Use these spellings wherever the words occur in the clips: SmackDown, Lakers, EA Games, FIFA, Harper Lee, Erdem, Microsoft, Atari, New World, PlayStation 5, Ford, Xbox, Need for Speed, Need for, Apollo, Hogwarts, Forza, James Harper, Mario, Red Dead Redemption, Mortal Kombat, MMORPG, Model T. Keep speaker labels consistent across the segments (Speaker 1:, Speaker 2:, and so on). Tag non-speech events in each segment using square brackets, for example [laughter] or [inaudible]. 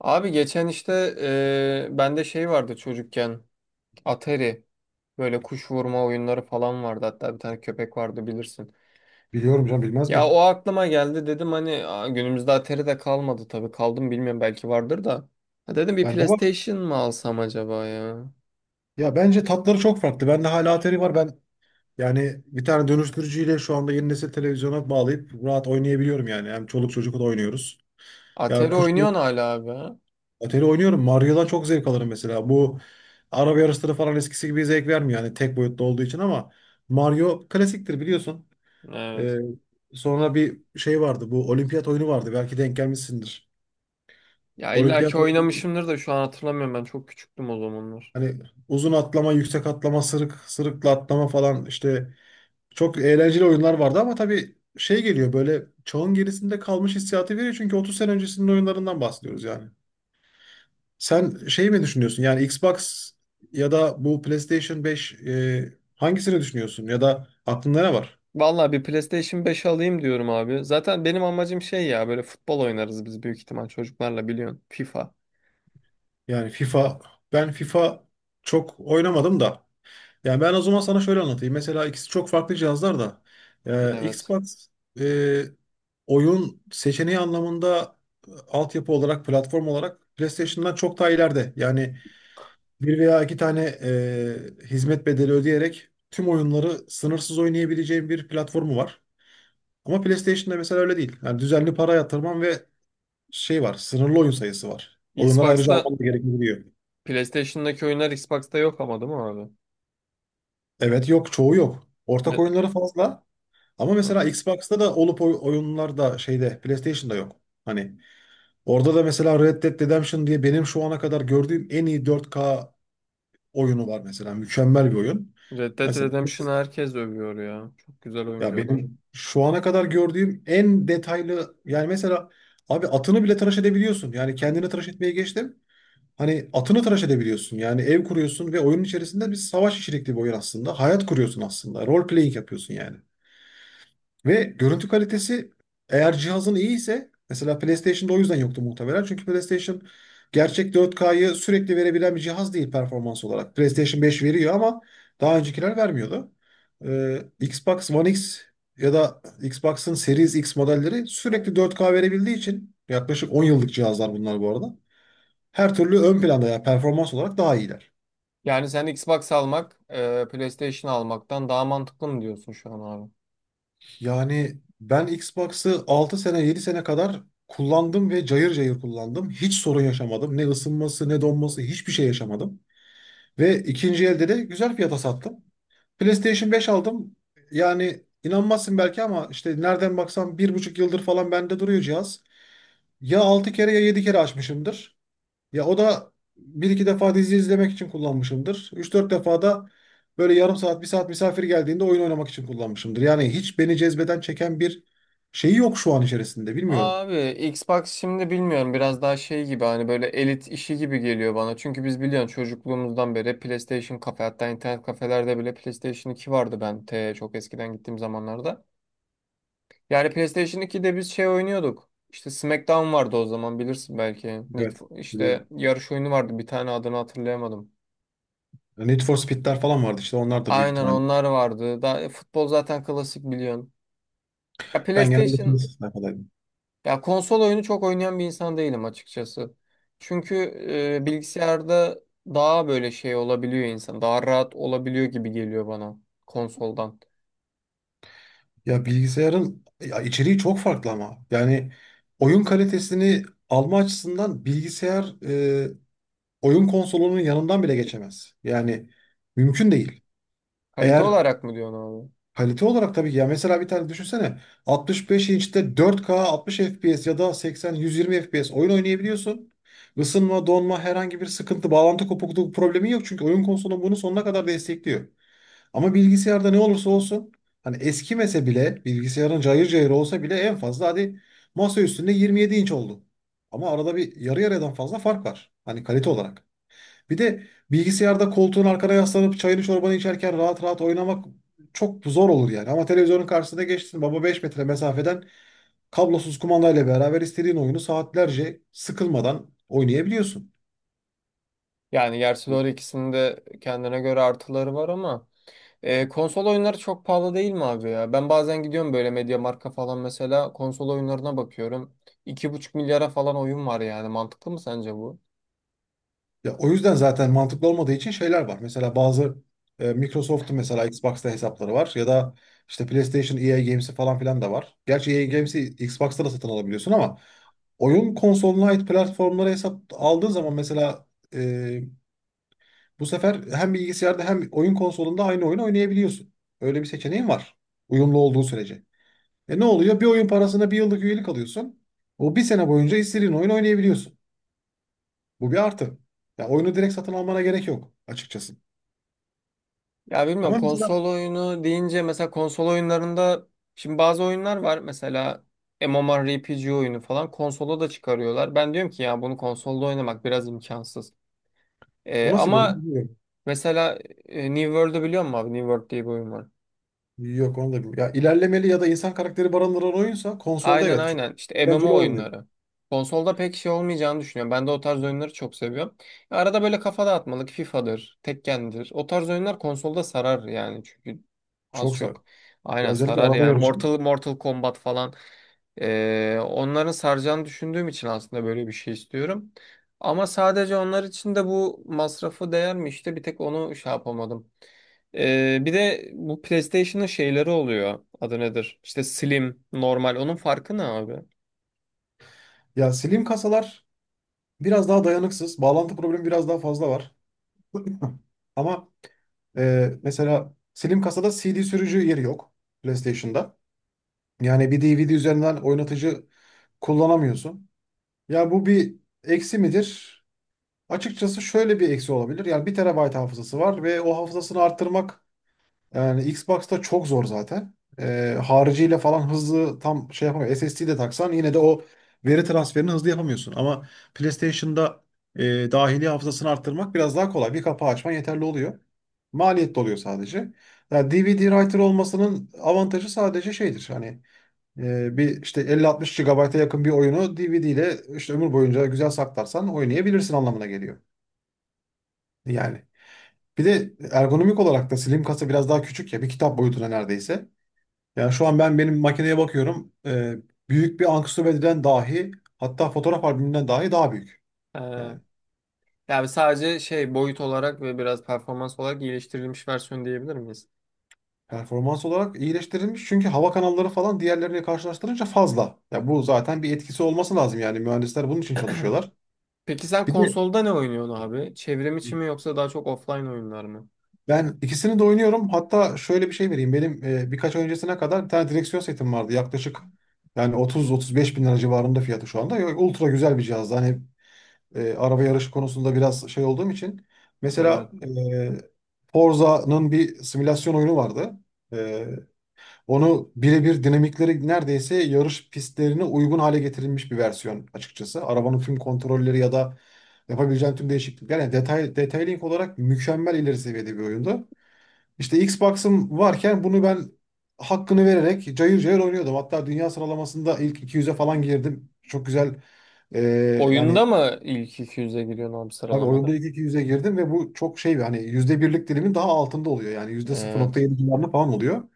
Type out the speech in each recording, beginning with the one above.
Speaker 1: Abi geçen işte bende şey vardı çocukken Atari böyle kuş vurma oyunları falan vardı hatta bir tane köpek vardı bilirsin.
Speaker 2: Biliyorum canım bilmez
Speaker 1: Ya o
Speaker 2: miyim?
Speaker 1: aklıma geldi dedim hani "Aa, günümüzde Atari de kalmadı tabii kaldım bilmiyorum belki vardır da." Ha, dedim bir
Speaker 2: Bende var.
Speaker 1: PlayStation mı alsam acaba ya?
Speaker 2: Ya bence tatları çok farklı. Bende hala Atari var. Yani bir tane dönüştürücüyle şu anda yeni nesil televizyona bağlayıp rahat oynayabiliyorum yani. Hem çoluk çocukla da oynuyoruz. Ya
Speaker 1: Atari
Speaker 2: kuş
Speaker 1: oynuyorsun hala abi ha?
Speaker 2: Atari oynuyorum. Mario'dan çok zevk alırım mesela. Bu araba yarışları falan eskisi gibi zevk vermiyor yani tek boyutlu olduğu için ama Mario klasiktir biliyorsun.
Speaker 1: Evet.
Speaker 2: Ee, Sonra bir şey vardı. Bu olimpiyat oyunu vardı. Belki denk gelmişsindir.
Speaker 1: Ya illa ki
Speaker 2: Olimpiyat oyunu
Speaker 1: oynamışımdır da şu an hatırlamıyorum ben çok küçüktüm o zamanlar.
Speaker 2: hani uzun atlama, yüksek atlama, sırık sırıkla atlama falan işte çok eğlenceli oyunlar vardı ama tabii şey geliyor, böyle çağın gerisinde kalmış hissiyatı veriyor çünkü 30 sene öncesinin oyunlarından bahsediyoruz yani. Sen şey mi düşünüyorsun, yani Xbox ya da bu PlayStation 5, hangisini düşünüyorsun ya da aklında ne var?
Speaker 1: Vallahi bir PlayStation 5 alayım diyorum abi. Zaten benim amacım şey ya böyle futbol oynarız biz büyük ihtimal çocuklarla biliyorsun. FIFA.
Speaker 2: Yani FIFA Ben FIFA çok oynamadım da, yani ben o zaman sana şöyle anlatayım. Mesela ikisi çok farklı cihazlar da.
Speaker 1: Evet.
Speaker 2: Xbox e, oyun seçeneği anlamında, altyapı olarak, platform olarak PlayStation'dan çok daha ileride. Yani bir veya iki tane hizmet bedeli ödeyerek tüm oyunları sınırsız oynayabileceğin bir platformu var. Ama PlayStation'da mesela öyle değil. Yani düzenli para yatırman ve şey var, sınırlı oyun sayısı var. Oyunları ayrıca
Speaker 1: Xbox'ta
Speaker 2: alman da gerekebiliyor.
Speaker 1: PlayStation'daki oyunlar Xbox'ta yok ama değil mi abi?
Speaker 2: Evet yok, çoğu yok. Ortak
Speaker 1: Ne-
Speaker 2: oyunları fazla. Ama mesela Xbox'ta da olup oyunlar da şeyde PlayStation'da yok. Hani orada da mesela Red Dead Redemption diye benim şu ana kadar gördüğüm en iyi 4K oyunu var mesela. Mükemmel bir oyun.
Speaker 1: Red Dead
Speaker 2: Mesela
Speaker 1: Redemption'ı herkes övüyor ya. Çok güzel oyun
Speaker 2: ya
Speaker 1: diyorlar.
Speaker 2: benim şu ana kadar gördüğüm en detaylı, yani mesela abi atını bile tıraş edebiliyorsun. Yani kendini tıraş etmeye geçtim. Hani atını tıraş edebiliyorsun. Yani ev kuruyorsun ve oyunun içerisinde, bir savaş içerikli bir oyun aslında. Hayat kuruyorsun aslında. Role playing yapıyorsun yani. Ve görüntü kalitesi, eğer cihazın iyi ise, mesela PlayStation'da o yüzden yoktu muhtemelen. Çünkü PlayStation gerçek 4K'yı sürekli verebilen bir cihaz değil performans olarak. PlayStation 5 veriyor ama daha öncekiler vermiyordu. Xbox One X ya da Xbox'ın Series X modelleri sürekli 4K verebildiği için, yaklaşık 10 yıllık cihazlar bunlar bu arada. Her türlü ön planda, ya performans olarak daha iyiler.
Speaker 1: Yani sen Xbox almak, PlayStation almaktan daha mantıklı mı diyorsun şu an abi?
Speaker 2: Yani ben Xbox'ı 6 sene 7 sene kadar kullandım ve cayır cayır kullandım. Hiç sorun yaşamadım. Ne ısınması ne donması, hiçbir şey yaşamadım. Ve ikinci elde de güzel fiyata sattım. PlayStation 5 aldım. Yani inanmazsın belki ama işte nereden baksam bir buçuk yıldır falan bende duruyor cihaz. Ya 6 kere ya 7 kere açmışımdır. Ya o da bir iki defa dizi izlemek için kullanmışımdır. Üç dört defa da böyle yarım saat, bir saat misafir geldiğinde oyun oynamak için kullanmışımdır. Yani hiç beni cezbeden, çeken bir şeyi yok şu an içerisinde. Bilmiyorum.
Speaker 1: Abi Xbox şimdi bilmiyorum biraz daha şey gibi hani böyle elit işi gibi geliyor bana. Çünkü biz biliyorsun çocukluğumuzdan beri PlayStation kafe hatta internet kafelerde bile PlayStation 2 vardı ben te çok eskiden gittiğim zamanlarda. Yani PlayStation 2'de biz şey oynuyorduk. İşte SmackDown vardı o zaman bilirsin belki. Need
Speaker 2: Evet,
Speaker 1: for- işte
Speaker 2: biliyorum.
Speaker 1: yarış oyunu vardı bir tane adını hatırlayamadım.
Speaker 2: Need for Speed'ler falan vardı işte, onlar da büyük
Speaker 1: Aynen
Speaker 2: ihtimal.
Speaker 1: onlar vardı. Daha, futbol zaten klasik biliyorsun. Ya
Speaker 2: Ben genelde
Speaker 1: PlayStation
Speaker 2: PlayStation sayfadaydım.
Speaker 1: Ya konsol oyunu çok oynayan bir insan değilim açıkçası. Çünkü bilgisayarda daha böyle şey olabiliyor insan. Daha rahat olabiliyor gibi geliyor bana konsoldan.
Speaker 2: Ya bilgisayarın ya içeriği çok farklı ama. Yani oyun kalitesini alma açısından bilgisayar oyun konsolunun yanından bile geçemez. Yani mümkün değil.
Speaker 1: Kalite
Speaker 2: Eğer
Speaker 1: olarak mı diyorsun abi?
Speaker 2: Kalite olarak tabii ki, ya mesela bir tane düşünsene, 65 inçte 4K 60 FPS ya da 80-120 FPS oyun oynayabiliyorsun. Isınma, donma, herhangi bir sıkıntı, bağlantı kopukluğu problemi yok çünkü oyun konsolun bunu sonuna kadar destekliyor. Ama bilgisayarda ne olursa olsun, hani eskimese bile, bilgisayarın cayır cayır olsa bile en fazla hadi masa üstünde 27 inç oldu. Ama arada bir, yarı yarıdan fazla fark var. Hani kalite olarak. Bir de bilgisayarda koltuğun arkana yaslanıp çayını çorbanı içerken rahat rahat oynamak çok zor olur yani. Ama televizyonun karşısına geçtin baba, 5 metre mesafeden kablosuz kumandayla beraber istediğin oyunu saatlerce sıkılmadan oynayabiliyorsun.
Speaker 1: Yani gerçi doğru ikisinin de kendine göre artıları var ama konsol oyunları çok pahalı değil mi abi ya? Ben bazen gidiyorum böyle MediaMarkt'a falan mesela konsol oyunlarına bakıyorum. 2,5 milyara falan oyun var yani. Mantıklı mı sence bu?
Speaker 2: Ya o yüzden zaten mantıklı olmadığı için şeyler var. Mesela bazı, Microsoft'un mesela Xbox'ta hesapları var ya da işte PlayStation EA Games'i falan filan da var. Gerçi EA Games'i Xbox'ta da satın alabiliyorsun ama oyun konsoluna ait platformlara hesap aldığın zaman mesela, e, bu sefer hem bilgisayarda hem oyun konsolunda aynı oyunu oynayabiliyorsun. Öyle bir seçeneğin var. Uyumlu olduğu sürece. E ne oluyor? Bir oyun parasına bir yıllık üyelik alıyorsun. O bir sene boyunca istediğin oyun oynayabiliyorsun. Bu bir artı. Ya oyunu direkt satın almana gerek yok açıkçası.
Speaker 1: Ya bilmiyorum
Speaker 2: Ama
Speaker 1: konsol
Speaker 2: mesela
Speaker 1: oyunu deyince mesela konsol oyunlarında şimdi bazı oyunlar var mesela MMORPG oyunu falan konsola da çıkarıyorlar. Ben diyorum ki ya bunu konsolda oynamak biraz imkansız.
Speaker 2: o
Speaker 1: Ee,
Speaker 2: nasıl bir oyun
Speaker 1: ama
Speaker 2: bilmiyorum.
Speaker 1: mesela New World'u biliyor musun abi? New World diye bir oyun var.
Speaker 2: Yok onu da bilmiyorum. Ya ilerlemeli ya da insan karakteri barındıran oyunsa, konsolda
Speaker 1: Aynen
Speaker 2: evet çok
Speaker 1: aynen. İşte
Speaker 2: eğlenceli
Speaker 1: MMO
Speaker 2: olmuyor.
Speaker 1: oyunları. Konsolda pek şey olmayacağını düşünüyorum. Ben de o tarz oyunları çok seviyorum. Arada böyle kafa dağıtmalık FIFA'dır, Tekken'dir. O tarz oyunlar konsolda sarar yani çünkü az
Speaker 2: Çok zor.
Speaker 1: çok.
Speaker 2: Ya
Speaker 1: Aynen
Speaker 2: özellikle
Speaker 1: sarar
Speaker 2: araba
Speaker 1: yani.
Speaker 2: yarışı.
Speaker 1: Mortal Kombat falan. Onların saracağını düşündüğüm için aslında böyle bir şey istiyorum. Ama sadece onlar için de bu masrafı değer mi işte bir tek onu şey yapamadım. Bir de bu PlayStation'ın şeyleri oluyor. Adı nedir? İşte slim, normal. Onun farkı ne abi?
Speaker 2: Ya slim kasalar biraz daha dayanıksız. Bağlantı problemi biraz daha fazla var. [laughs] Ama, mesela Slim kasada CD sürücü yeri yok PlayStation'da. Yani bir DVD üzerinden oynatıcı kullanamıyorsun. Ya bu bir eksi midir? Açıkçası şöyle bir eksi olabilir. Yani bir terabayt hafızası var ve o hafızasını arttırmak, yani Xbox'ta çok zor zaten. Hariciyle falan hızlı tam şey yapamıyor. SSD de taksan yine de o veri transferini hızlı yapamıyorsun. Ama PlayStation'da e, dahili hafızasını arttırmak biraz daha kolay. Bir kapağı açman yeterli oluyor. Maliyetli oluyor sadece. Yani DVD writer olmasının avantajı sadece şeydir. Hani bir işte 50-60 GB'a yakın bir oyunu DVD ile işte ömür boyunca güzel saklarsan oynayabilirsin anlamına geliyor. Yani bir de ergonomik olarak da slim kasa biraz daha küçük, ya bir kitap boyutuna neredeyse. Yani şu an ben benim makineye bakıyorum. Büyük bir anksiyometreden dahi, hatta fotoğraf albümünden dahi daha büyük.
Speaker 1: Ee,
Speaker 2: Yani
Speaker 1: yani sadece şey boyut olarak ve biraz performans olarak iyileştirilmiş versiyon diyebilir miyiz?
Speaker 2: performans olarak iyileştirilmiş. Çünkü hava kanalları falan diğerlerine karşılaştırınca fazla. Ya bu zaten, bir etkisi olması lazım yani, mühendisler bunun için çalışıyorlar.
Speaker 1: Peki sen
Speaker 2: Bir de
Speaker 1: konsolda ne oynuyorsun abi? Çevrim içi mi yoksa daha çok offline oyunlar mı?
Speaker 2: ben ikisini de oynuyorum. Hatta şöyle bir şey vereyim. Benim birkaç ay öncesine kadar bir tane direksiyon setim vardı. Yaklaşık yani 30-35 bin lira civarında fiyatı şu anda. Ultra güzel bir cihazdı. Hani araba yarışı konusunda biraz şey olduğum için. Mesela
Speaker 1: Evet.
Speaker 2: e, Forza'nın bir simülasyon oyunu vardı. E, Onu birebir dinamikleri neredeyse yarış pistlerine uygun hale getirilmiş bir versiyon açıkçası. Arabanın tüm kontrolleri ya da yapabileceğin tüm değişiklikler. Yani detay, detailing olarak mükemmel, ileri seviyede bir oyundu. İşte Xbox'ım varken bunu ben hakkını vererek cayır cayır oynuyordum. Hatta dünya sıralamasında ilk 200'e falan girdim. Çok güzel. e,
Speaker 1: Oyunda
Speaker 2: Yani
Speaker 1: mı ilk 200'e giriyorsun abi
Speaker 2: tabii oyunda
Speaker 1: sıralamada?
Speaker 2: ilk iki yüze girdim ve bu çok şey bir, hani yüzde birlik dilimin daha altında oluyor. Yani yüzde
Speaker 1: Evet.
Speaker 2: 0,7 civarında falan oluyor.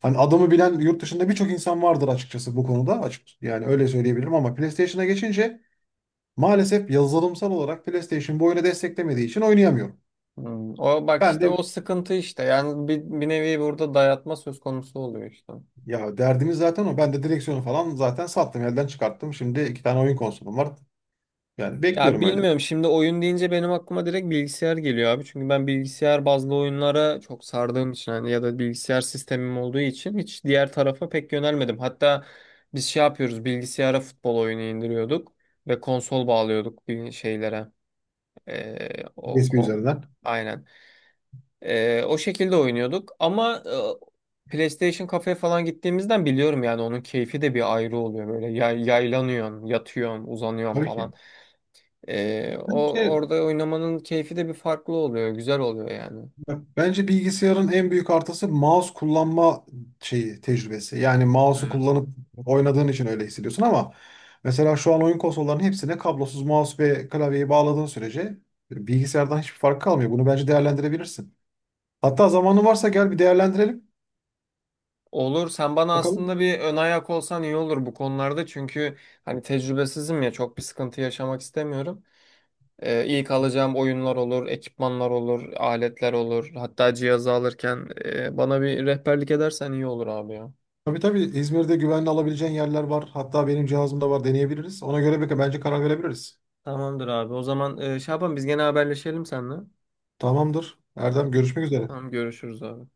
Speaker 2: Hani adamı bilen yurt dışında birçok insan vardır açıkçası bu konuda. Açık, yani öyle söyleyebilirim ama PlayStation'a geçince maalesef yazılımsal olarak PlayStation bu oyunu desteklemediği için oynayamıyorum.
Speaker 1: Hmm. O bak
Speaker 2: Ben
Speaker 1: işte o
Speaker 2: de
Speaker 1: sıkıntı işte. Yani bir nevi burada dayatma söz konusu oluyor işte.
Speaker 2: Ya derdimiz zaten o. Ben de direksiyonu falan zaten sattım, elden çıkarttım. Şimdi iki tane oyun konsolum var. Yani
Speaker 1: Ya
Speaker 2: bekliyorum öyle.
Speaker 1: bilmiyorum şimdi oyun deyince benim aklıma direkt bilgisayar geliyor abi. Çünkü ben bilgisayar bazlı oyunlara çok sardığım için hani ya da bilgisayar sistemim olduğu için hiç diğer tarafa pek yönelmedim. Hatta biz şey yapıyoruz bilgisayara futbol oyunu indiriyorduk ve konsol bağlıyorduk bir şeylere. O
Speaker 2: USB
Speaker 1: kon
Speaker 2: üzerinden.
Speaker 1: aynen. O şekilde oynuyorduk ama PlayStation kafeye falan gittiğimizden biliyorum yani onun keyfi de bir ayrı oluyor böyle yaylanıyorsun, yatıyorsun, uzanıyorsun
Speaker 2: Tabii ki.
Speaker 1: falan. O
Speaker 2: Bence
Speaker 1: orada oynamanın keyfi de bir farklı oluyor, güzel oluyor yani.
Speaker 2: Bence bilgisayarın en büyük artısı mouse kullanma şeyi tecrübesi. Yani mouse'u
Speaker 1: Evet.
Speaker 2: kullanıp oynadığın için öyle hissediyorsun ama mesela şu an oyun konsollarının hepsine kablosuz mouse ve klavyeyi bağladığın sürece, bilgisayardan hiçbir fark kalmıyor. Bunu bence değerlendirebilirsin. Hatta zamanın varsa gel bir değerlendirelim.
Speaker 1: Olur. Sen bana
Speaker 2: Bakalım.
Speaker 1: aslında bir ön ayak olsan iyi olur bu konularda. Çünkü hani tecrübesizim ya çok bir sıkıntı yaşamak istemiyorum. İlk alacağım oyunlar olur, ekipmanlar olur, aletler olur. Hatta cihazı alırken bana bir rehberlik edersen iyi olur abi ya.
Speaker 2: Tabii tabii, İzmir'de güvenli alabileceğin yerler var. Hatta benim cihazımda var, deneyebiliriz. Ona göre bence karar verebiliriz.
Speaker 1: Tamamdır abi. O zaman Şaban biz gene haberleşelim seninle.
Speaker 2: Tamamdır. Erdem, görüşmek üzere.
Speaker 1: Tamam görüşürüz abi.